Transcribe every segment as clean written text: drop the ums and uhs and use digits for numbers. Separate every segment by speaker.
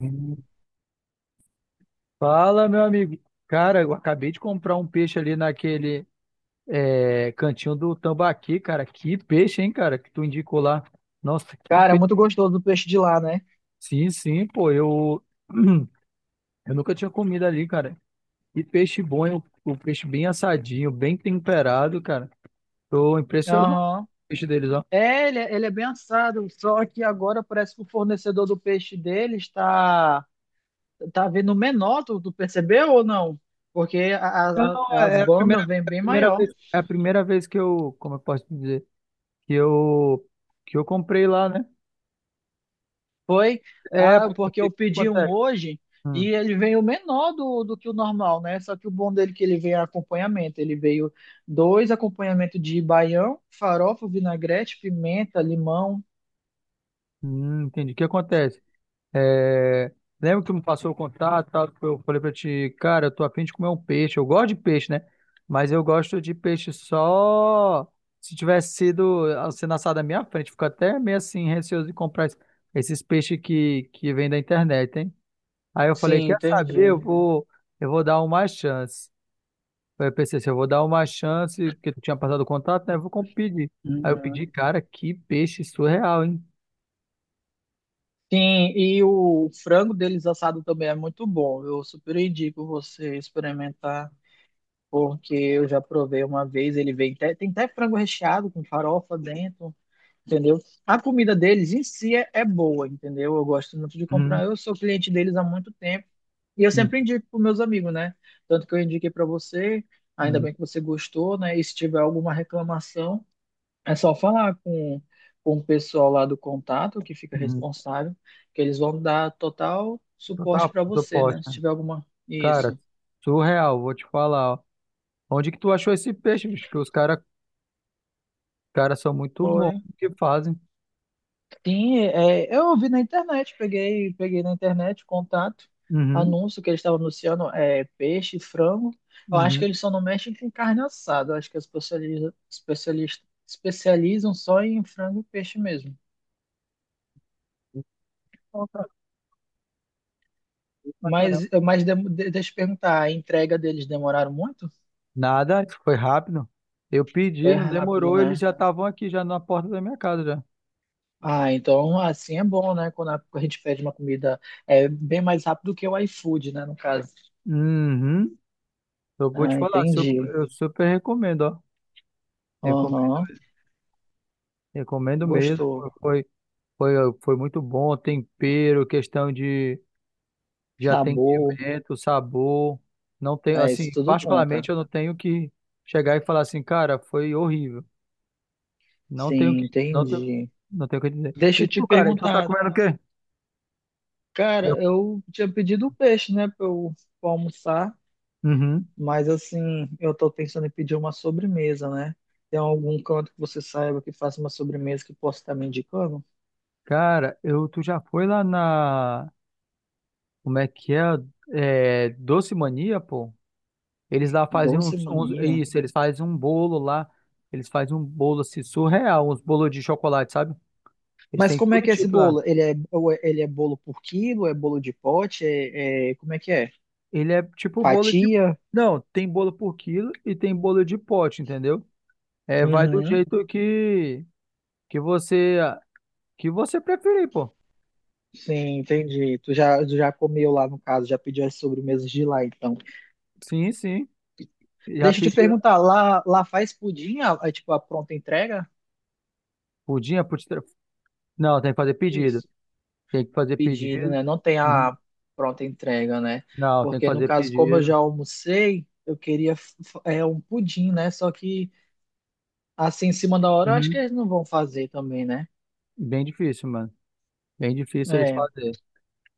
Speaker 1: Hum. Fala, meu amigo. Cara, eu acabei de comprar um peixe ali naquele cantinho do Tambaqui, cara. Que peixe, hein, cara, que tu indicou lá. Nossa, que
Speaker 2: Cara, é muito
Speaker 1: peixe.
Speaker 2: gostoso o peixe de lá, né?
Speaker 1: Sim, sim, pô, eu nunca tinha comido ali, cara. Que peixe bom, hein? O peixe bem assadinho, bem temperado, cara. Tô impressionado com
Speaker 2: Aham.
Speaker 1: o peixe deles, ó.
Speaker 2: É, ele, ele é bem assado, só que agora parece que o fornecedor do peixe dele está tá vendo menor, tu percebeu ou não? Porque
Speaker 1: Não,
Speaker 2: as
Speaker 1: é a
Speaker 2: bandas vêm bem
Speaker 1: primeira
Speaker 2: maior.
Speaker 1: vez, é a primeira vez que como eu posso dizer, que eu, que eu comprei lá, né?
Speaker 2: Foi
Speaker 1: É, porque o
Speaker 2: porque eu
Speaker 1: que
Speaker 2: pedi um
Speaker 1: acontece.
Speaker 2: hoje e
Speaker 1: Hum,
Speaker 2: ele veio menor do que o normal, né? Só que o bom dele é que ele veio acompanhamento. Ele veio dois acompanhamentos de baião, farofa, vinagrete, pimenta, limão.
Speaker 1: entendi. O que acontece? É, lembra que tu me passou o contato, e tal, que eu falei pra ti, cara, eu tô afim de comer um peixe. Eu gosto de peixe, né? Mas eu gosto de peixe só se tivesse sido sendo assado na minha frente. Fico até meio assim receoso de comprar esses peixes que vem da internet, hein? Aí eu falei,
Speaker 2: Sim,
Speaker 1: quer saber?
Speaker 2: entendi.
Speaker 1: Eu vou dar uma chance. Aí eu pensei assim, eu vou dar uma chance, porque tu tinha passado o contato, né? Eu vou pedir. Aí eu pedi,
Speaker 2: Uhum.
Speaker 1: cara, que peixe surreal, hein?
Speaker 2: Sim, e o frango deles assado também é muito bom. Eu super indico você experimentar, porque eu já provei uma vez. Ele vem tem até frango recheado com farofa dentro, entendeu? A comida deles em si é boa, entendeu? Eu gosto muito de
Speaker 1: Hum,
Speaker 2: comprar. Eu sou cliente deles há muito tempo e eu
Speaker 1: hum,
Speaker 2: sempre indico para meus amigos, né? Tanto que eu indiquei para você, ainda
Speaker 1: hum,
Speaker 2: bem que você gostou, né? E se tiver alguma reclamação. É só falar com o pessoal lá do contato que fica
Speaker 1: hum.
Speaker 2: responsável, que eles vão dar total
Speaker 1: Então tá,
Speaker 2: suporte para você, né? Se
Speaker 1: proposta.
Speaker 2: tiver alguma.
Speaker 1: Cara,
Speaker 2: Isso.
Speaker 1: surreal, vou te falar, ó. Onde que tu achou esse peixe, bicho? Que os cara são muito bons
Speaker 2: Foi.
Speaker 1: no que fazem.
Speaker 2: Sim, é, eu vi na internet, peguei na internet o contato,
Speaker 1: Uhum,
Speaker 2: anúncio que eles estavam anunciando é, peixe, frango. Eu acho que
Speaker 1: uhum.
Speaker 2: eles só não mexem com carne assada. Eu acho que eles especializam só em frango e peixe mesmo.
Speaker 1: Bom, cara, bom pra
Speaker 2: Mas,
Speaker 1: caramba.
Speaker 2: mas deixa eu te perguntar, a entrega deles demoraram muito?
Speaker 1: Nada, isso foi rápido. Eu pedi,
Speaker 2: Foi
Speaker 1: não
Speaker 2: rápido,
Speaker 1: demorou, eles
Speaker 2: né?
Speaker 1: já estavam aqui, já na porta da minha casa, já.
Speaker 2: Ah, então assim é bom, né? Quando a gente pede uma comida é bem mais rápido que o iFood, né? No caso.
Speaker 1: Uhum. Eu vou te
Speaker 2: Ah,
Speaker 1: falar,
Speaker 2: entendi.
Speaker 1: eu super recomendo, ó. Recom-
Speaker 2: Aham.
Speaker 1: Recomendo mesmo.
Speaker 2: Gostou.
Speaker 1: Foi, foi, foi muito bom, tempero, questão de
Speaker 2: Sabor.
Speaker 1: atendimento, sabor. Não tenho,
Speaker 2: É,
Speaker 1: assim,
Speaker 2: isso tudo
Speaker 1: particularmente
Speaker 2: conta.
Speaker 1: eu não tenho que chegar e falar assim, cara, foi horrível. Não tenho
Speaker 2: Sim,
Speaker 1: que, não tenho,
Speaker 2: entendi.
Speaker 1: não tenho o que dizer.
Speaker 2: Deixa
Speaker 1: E
Speaker 2: eu te
Speaker 1: tu, cara, tu tá
Speaker 2: perguntar,
Speaker 1: comendo o quê? Eu.
Speaker 2: cara, eu tinha pedido peixe, né? Pra eu pra almoçar,
Speaker 1: Uhum.
Speaker 2: mas assim, eu tô pensando em pedir uma sobremesa, né? Tem algum canto que você saiba que faça uma sobremesa que possa estar me indicando?
Speaker 1: Cara, tu já foi lá na, como é que é? É, Doce Mania, pô? Eles lá fazem
Speaker 2: Doce mania.
Speaker 1: isso, eles fazem um bolo lá, eles fazem um bolo assim, surreal, uns bolos de chocolate, sabe? Eles
Speaker 2: Mas
Speaker 1: têm
Speaker 2: como
Speaker 1: todo
Speaker 2: é que é esse
Speaker 1: tipo lá.
Speaker 2: bolo? Ele é, ele é bolo por quilo? É bolo de pote? É, como é que é?
Speaker 1: Ele é tipo bolo de.
Speaker 2: Fatia?
Speaker 1: Não, tem bolo por quilo e tem bolo de pote, entendeu? É, vai do
Speaker 2: Uhum.
Speaker 1: jeito que você que você preferir, pô.
Speaker 2: Sim, entendi. Tu já comeu lá, no caso, já pediu as sobremesas de lá, então.
Speaker 1: Sim, sim. Já
Speaker 2: Deixa eu te
Speaker 1: pediu
Speaker 2: perguntar, lá faz pudim, tipo, a pronta entrega?
Speaker 1: pudim, não, tem que fazer pedido.
Speaker 2: Isso.
Speaker 1: Tem que fazer
Speaker 2: Pedido,
Speaker 1: pedido.
Speaker 2: né? Não tem
Speaker 1: Uhum.
Speaker 2: a pronta entrega, né?
Speaker 1: Não, tem que
Speaker 2: Porque, no
Speaker 1: fazer
Speaker 2: caso, como eu
Speaker 1: pedido.
Speaker 2: já almocei, eu queria é, um pudim, né? Só que, assim, em cima da hora, eu acho que
Speaker 1: Uhum.
Speaker 2: eles não vão fazer também, né?
Speaker 1: Bem difícil, mano. Bem difícil eles
Speaker 2: É.
Speaker 1: fazerem.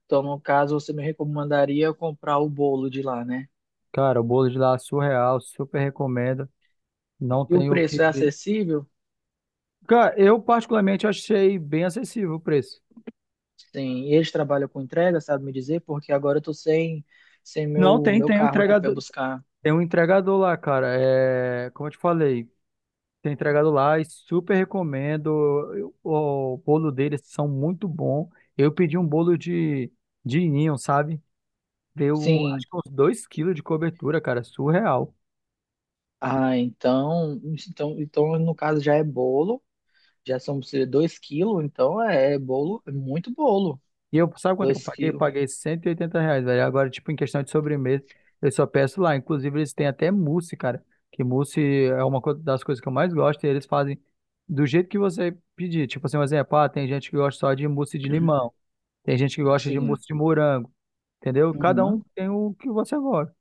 Speaker 2: Então, no caso, você me recomendaria eu comprar o bolo de lá, né?
Speaker 1: Cara, o bolo de lá é surreal, super recomendo. Não
Speaker 2: E o
Speaker 1: tem o
Speaker 2: preço é
Speaker 1: que.
Speaker 2: acessível?
Speaker 1: Cara, eu particularmente achei bem acessível o preço.
Speaker 2: Sim, e eles trabalham com entrega, sabe me dizer? Porque agora eu tô sem
Speaker 1: Não,
Speaker 2: meu
Speaker 1: tem o
Speaker 2: carro aqui para
Speaker 1: entregador.
Speaker 2: buscar.
Speaker 1: Tem um entregador lá, cara. É, como eu te falei, tem entregador lá e super recomendo. O bolo deles são muito bom. Eu pedi um bolo de ninho, sabe? Deu, um,
Speaker 2: Sim.
Speaker 1: acho que uns 2 quilos de cobertura, cara. Surreal.
Speaker 2: Ah, então, no caso já é bolo, já são 2 quilos, então é bolo, é muito bolo.
Speaker 1: E eu, sabe quanto é que eu
Speaker 2: Dois
Speaker 1: paguei? Eu
Speaker 2: quilos.
Speaker 1: paguei R$ 180, velho. Agora, tipo, em questão de sobremesa, eu só peço lá. Inclusive, eles têm até mousse, cara. Que mousse é uma das coisas que eu mais gosto. E eles fazem do jeito que você pedir. Tipo assim, um exemplo, ah, tem gente que gosta só de mousse de limão. Tem gente que gosta de
Speaker 2: Sim.
Speaker 1: mousse de morango, entendeu? Cada um
Speaker 2: Uhum.
Speaker 1: tem o que você gosta.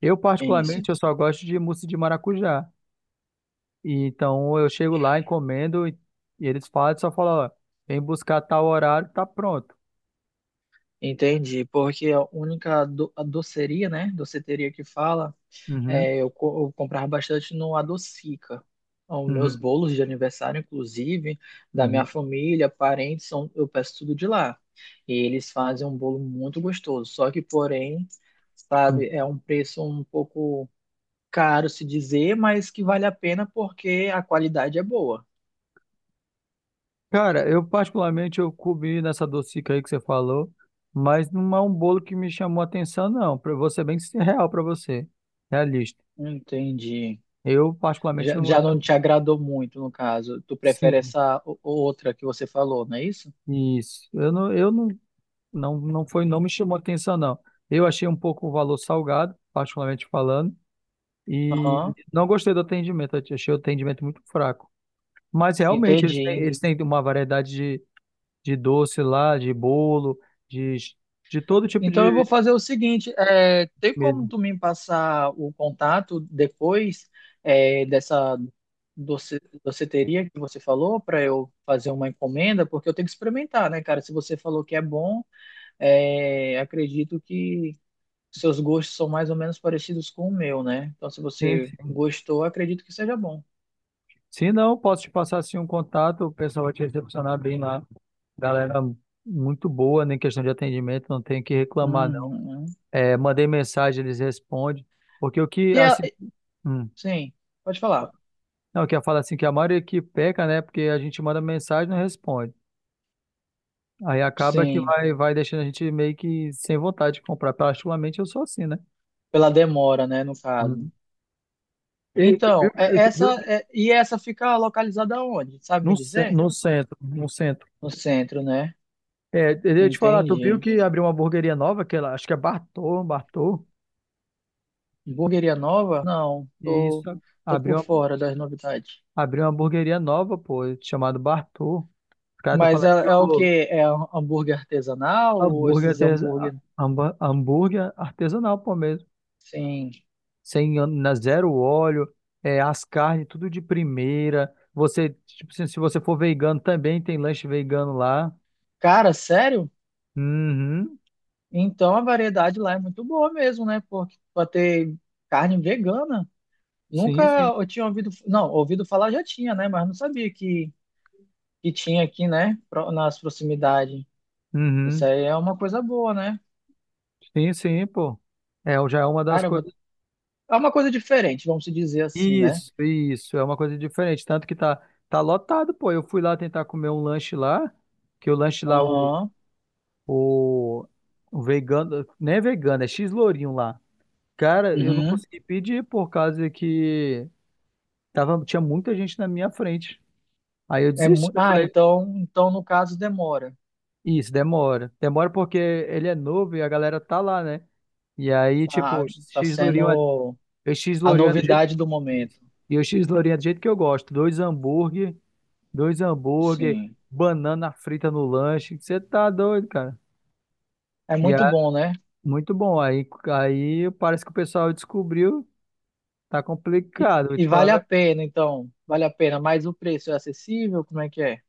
Speaker 1: Eu,
Speaker 2: É isso.
Speaker 1: particularmente, eu só gosto de mousse de maracujá. E então, eu chego lá, encomendo, e eles falam, só falam, ó, vem buscar tal horário, tá pronto.
Speaker 2: Entendi, porque a doceria, né? Doceteria que fala
Speaker 1: Uhum,
Speaker 2: é, eu comprava bastante no Adocica. Os meus
Speaker 1: uhum,
Speaker 2: bolos de aniversário, inclusive, da minha
Speaker 1: uhum,
Speaker 2: família, parentes, são, eu peço tudo de lá. E eles fazem um bolo muito gostoso. Só que, porém,
Speaker 1: uhum.
Speaker 2: sabe, é um preço um pouco caro se dizer, mas que vale a pena porque a qualidade é boa.
Speaker 1: Cara, eu, particularmente, eu comi nessa docica aí que você falou, mas não é um bolo que me chamou a atenção, não. Pra eu ser bem real pra você, realista.
Speaker 2: Entendi.
Speaker 1: Eu, particularmente,
Speaker 2: Já,
Speaker 1: não
Speaker 2: já
Speaker 1: gostei.
Speaker 2: não te agradou muito, no caso. Tu prefere
Speaker 1: Sim,
Speaker 2: essa outra que você falou, não é isso?
Speaker 1: isso. Eu não. Não, não foi, não me chamou atenção, não. Eu achei um pouco o valor salgado, particularmente falando, e
Speaker 2: Aham,
Speaker 1: não gostei do atendimento. Eu achei o atendimento muito fraco. Mas realmente
Speaker 2: entendi.
Speaker 1: eles têm uma variedade de doce lá, de bolo, de, de todo tipo
Speaker 2: Então eu
Speaker 1: de
Speaker 2: vou fazer o seguinte, é, tem como
Speaker 1: mesmo.
Speaker 2: tu me passar o contato depois é, dessa doceteria que você falou para eu fazer uma encomenda, porque eu tenho que experimentar, né, cara? Se você falou que é bom, é, acredito que seus gostos são mais ou menos parecidos com o meu, né? Então se
Speaker 1: Sim,
Speaker 2: você
Speaker 1: sim.
Speaker 2: gostou, acredito que seja bom.
Speaker 1: Se não, posso te passar assim um contato, o pessoal vai te recepcionar bem lá. Galera muito boa, nem questão de atendimento, não tem o que reclamar, não.
Speaker 2: Uhum.
Speaker 1: É, mandei mensagem, eles respondem. Porque o que,
Speaker 2: E a-
Speaker 1: assim, hum.
Speaker 2: sim, pode falar.
Speaker 1: Não, que ia falar assim que a maioria que peca, né? Porque a gente manda mensagem e não responde. Aí acaba que
Speaker 2: Sim,
Speaker 1: vai deixando a gente meio que sem vontade de comprar. Particularmente eu sou assim, né?
Speaker 2: pela demora, né, no caso.
Speaker 1: Uhum. E tu viu,
Speaker 2: Então,
Speaker 1: e tu viu que
Speaker 2: e essa fica localizada onde? Sabe
Speaker 1: no,
Speaker 2: me dizer?
Speaker 1: no centro, no centro.
Speaker 2: No centro, né?
Speaker 1: É, eu ia te falar, tu viu
Speaker 2: Entendi.
Speaker 1: que abriu uma hamburgueria nova, que ela, acho que é Bartô.
Speaker 2: Hamburgueria nova? Não,
Speaker 1: E
Speaker 2: tô,
Speaker 1: isso,
Speaker 2: tô por
Speaker 1: abriu uma,
Speaker 2: fora das novidades.
Speaker 1: abriu uma hamburgueria nova, pô, chamado Bartô. Os caras estão
Speaker 2: Mas é,
Speaker 1: falando que
Speaker 2: é o
Speaker 1: o
Speaker 2: quê? É um hambúrguer artesanal ou
Speaker 1: hambúrguer,
Speaker 2: esses
Speaker 1: artes-
Speaker 2: hambúrguer?
Speaker 1: hambúrguer é artesanal, pô, mesmo.
Speaker 2: Sim.
Speaker 1: Sem ân- na zero óleo, é, as carnes tudo de primeira. Você, tipo, se você for vegano também tem lanche vegano lá.
Speaker 2: Cara, sério?
Speaker 1: Uhum.
Speaker 2: Então a variedade lá é muito boa mesmo, né? Porque pra ter carne vegana. Nunca
Speaker 1: Sim, sim.
Speaker 2: eu tinha ouvido, não, ouvido falar já tinha, né? Mas não sabia que tinha aqui, né? Nas proximidades. Isso
Speaker 1: Uhum.
Speaker 2: aí é uma coisa boa, né?
Speaker 1: Sim, sim, pô. É, já é uma das
Speaker 2: Cara, eu vou-
Speaker 1: coisas.
Speaker 2: é uma coisa diferente, vamos se dizer assim, né?
Speaker 1: Isso, é uma coisa diferente, tanto que tá lotado, pô. Eu fui lá tentar comer um lanche lá, que o lanche lá
Speaker 2: Aham.
Speaker 1: o, o vegano, não é vegano, é x-lourinho lá. Cara, eu não
Speaker 2: Uhum.
Speaker 1: consegui pedir por causa que tava, tinha muita gente na minha frente. Aí eu
Speaker 2: É
Speaker 1: desisti,
Speaker 2: mu...
Speaker 1: eu
Speaker 2: Ah,
Speaker 1: falei,
Speaker 2: então, então no caso demora.
Speaker 1: isso, demora. Demora porque ele é novo e a galera tá lá, né? E aí, tipo,
Speaker 2: Tá, tá sendo
Speaker 1: O X
Speaker 2: a
Speaker 1: Lourinho é do jeito
Speaker 2: novidade do
Speaker 1: isso.
Speaker 2: momento.
Speaker 1: E o X Lourinho é do jeito que eu gosto. Dois hambúrguer,
Speaker 2: Sim.
Speaker 1: banana frita no lanche. Você tá doido, cara.
Speaker 2: É
Speaker 1: E é
Speaker 2: muito bom, né?
Speaker 1: muito bom. Aí parece que o pessoal descobriu, tá
Speaker 2: E,
Speaker 1: complicado. Vou
Speaker 2: e
Speaker 1: te falar, a
Speaker 2: vale a
Speaker 1: verdade.
Speaker 2: pena, então. Vale a pena, mas o preço é acessível? Como é que é?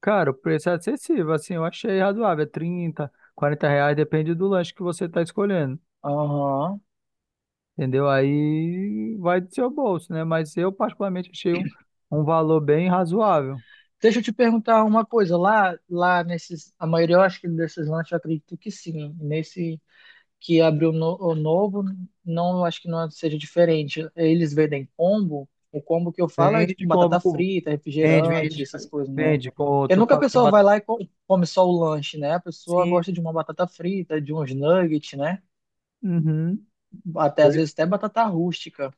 Speaker 1: Cara, o preço é acessível, assim, eu achei razoável. É 30, R$ 40, depende do lanche que você tá escolhendo.
Speaker 2: Aham.
Speaker 1: Entendeu? Aí vai do seu bolso, né? Mas eu particularmente achei um valor bem razoável.
Speaker 2: Deixa eu te perguntar uma coisa. Lá nesses, a maioria, eu acho que desses lanches, eu acredito que sim. Nesse que abriu no, o novo, não acho que não seja diferente. Eles vendem combo, o combo que eu falo é tipo
Speaker 1: Vende, compra,
Speaker 2: batata
Speaker 1: com-
Speaker 2: frita,
Speaker 1: vende,
Speaker 2: refrigerante,
Speaker 1: vende,
Speaker 2: essas coisas, né?
Speaker 1: vende, com
Speaker 2: Porque
Speaker 1: tu
Speaker 2: nunca a
Speaker 1: fala que
Speaker 2: pessoa vai
Speaker 1: batata
Speaker 2: lá e come só o lanche, né? A pessoa gosta
Speaker 1: cinza.
Speaker 2: de uma batata frita, de uns nuggets, né?
Speaker 1: Uhum.
Speaker 2: Até
Speaker 1: Eu,
Speaker 2: às vezes até batata rústica.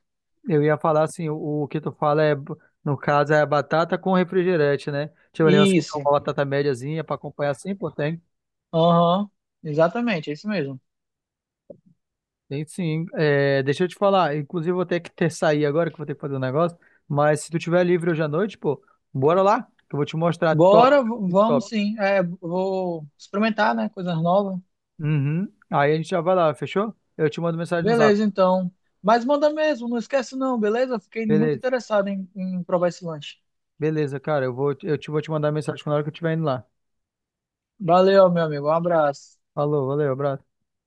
Speaker 1: eu ia falar assim, o que tu fala é, no caso, é batata com refrigerante, né? Tipo, ali, você quer
Speaker 2: Isso.
Speaker 1: uma batata médiazinha para acompanhar assim, pô, tem.
Speaker 2: Aham. Exatamente, é isso mesmo.
Speaker 1: Tem sim. É, deixa eu te falar, inclusive eu vou ter que ter sair agora, que eu vou ter que fazer um negócio, mas se tu tiver livre hoje à noite, pô, bora lá, que eu vou te mostrar top,
Speaker 2: Bora,
Speaker 1: muito
Speaker 2: vamos
Speaker 1: top.
Speaker 2: sim. É, vou experimentar, né? Coisas novas.
Speaker 1: Uhum. Aí a gente já vai lá, fechou? Eu te mando mensagem no zap.
Speaker 2: Beleza, então. Mas manda mesmo, não esquece não, beleza? Fiquei muito
Speaker 1: Beleza.
Speaker 2: interessado em provar esse lanche.
Speaker 1: Beleza, cara. Eu vou, eu te, vou te mandar mensagem na hora que eu estiver indo lá.
Speaker 2: Valeu, meu amigo. Um abraço.
Speaker 1: Falou, valeu, abraço.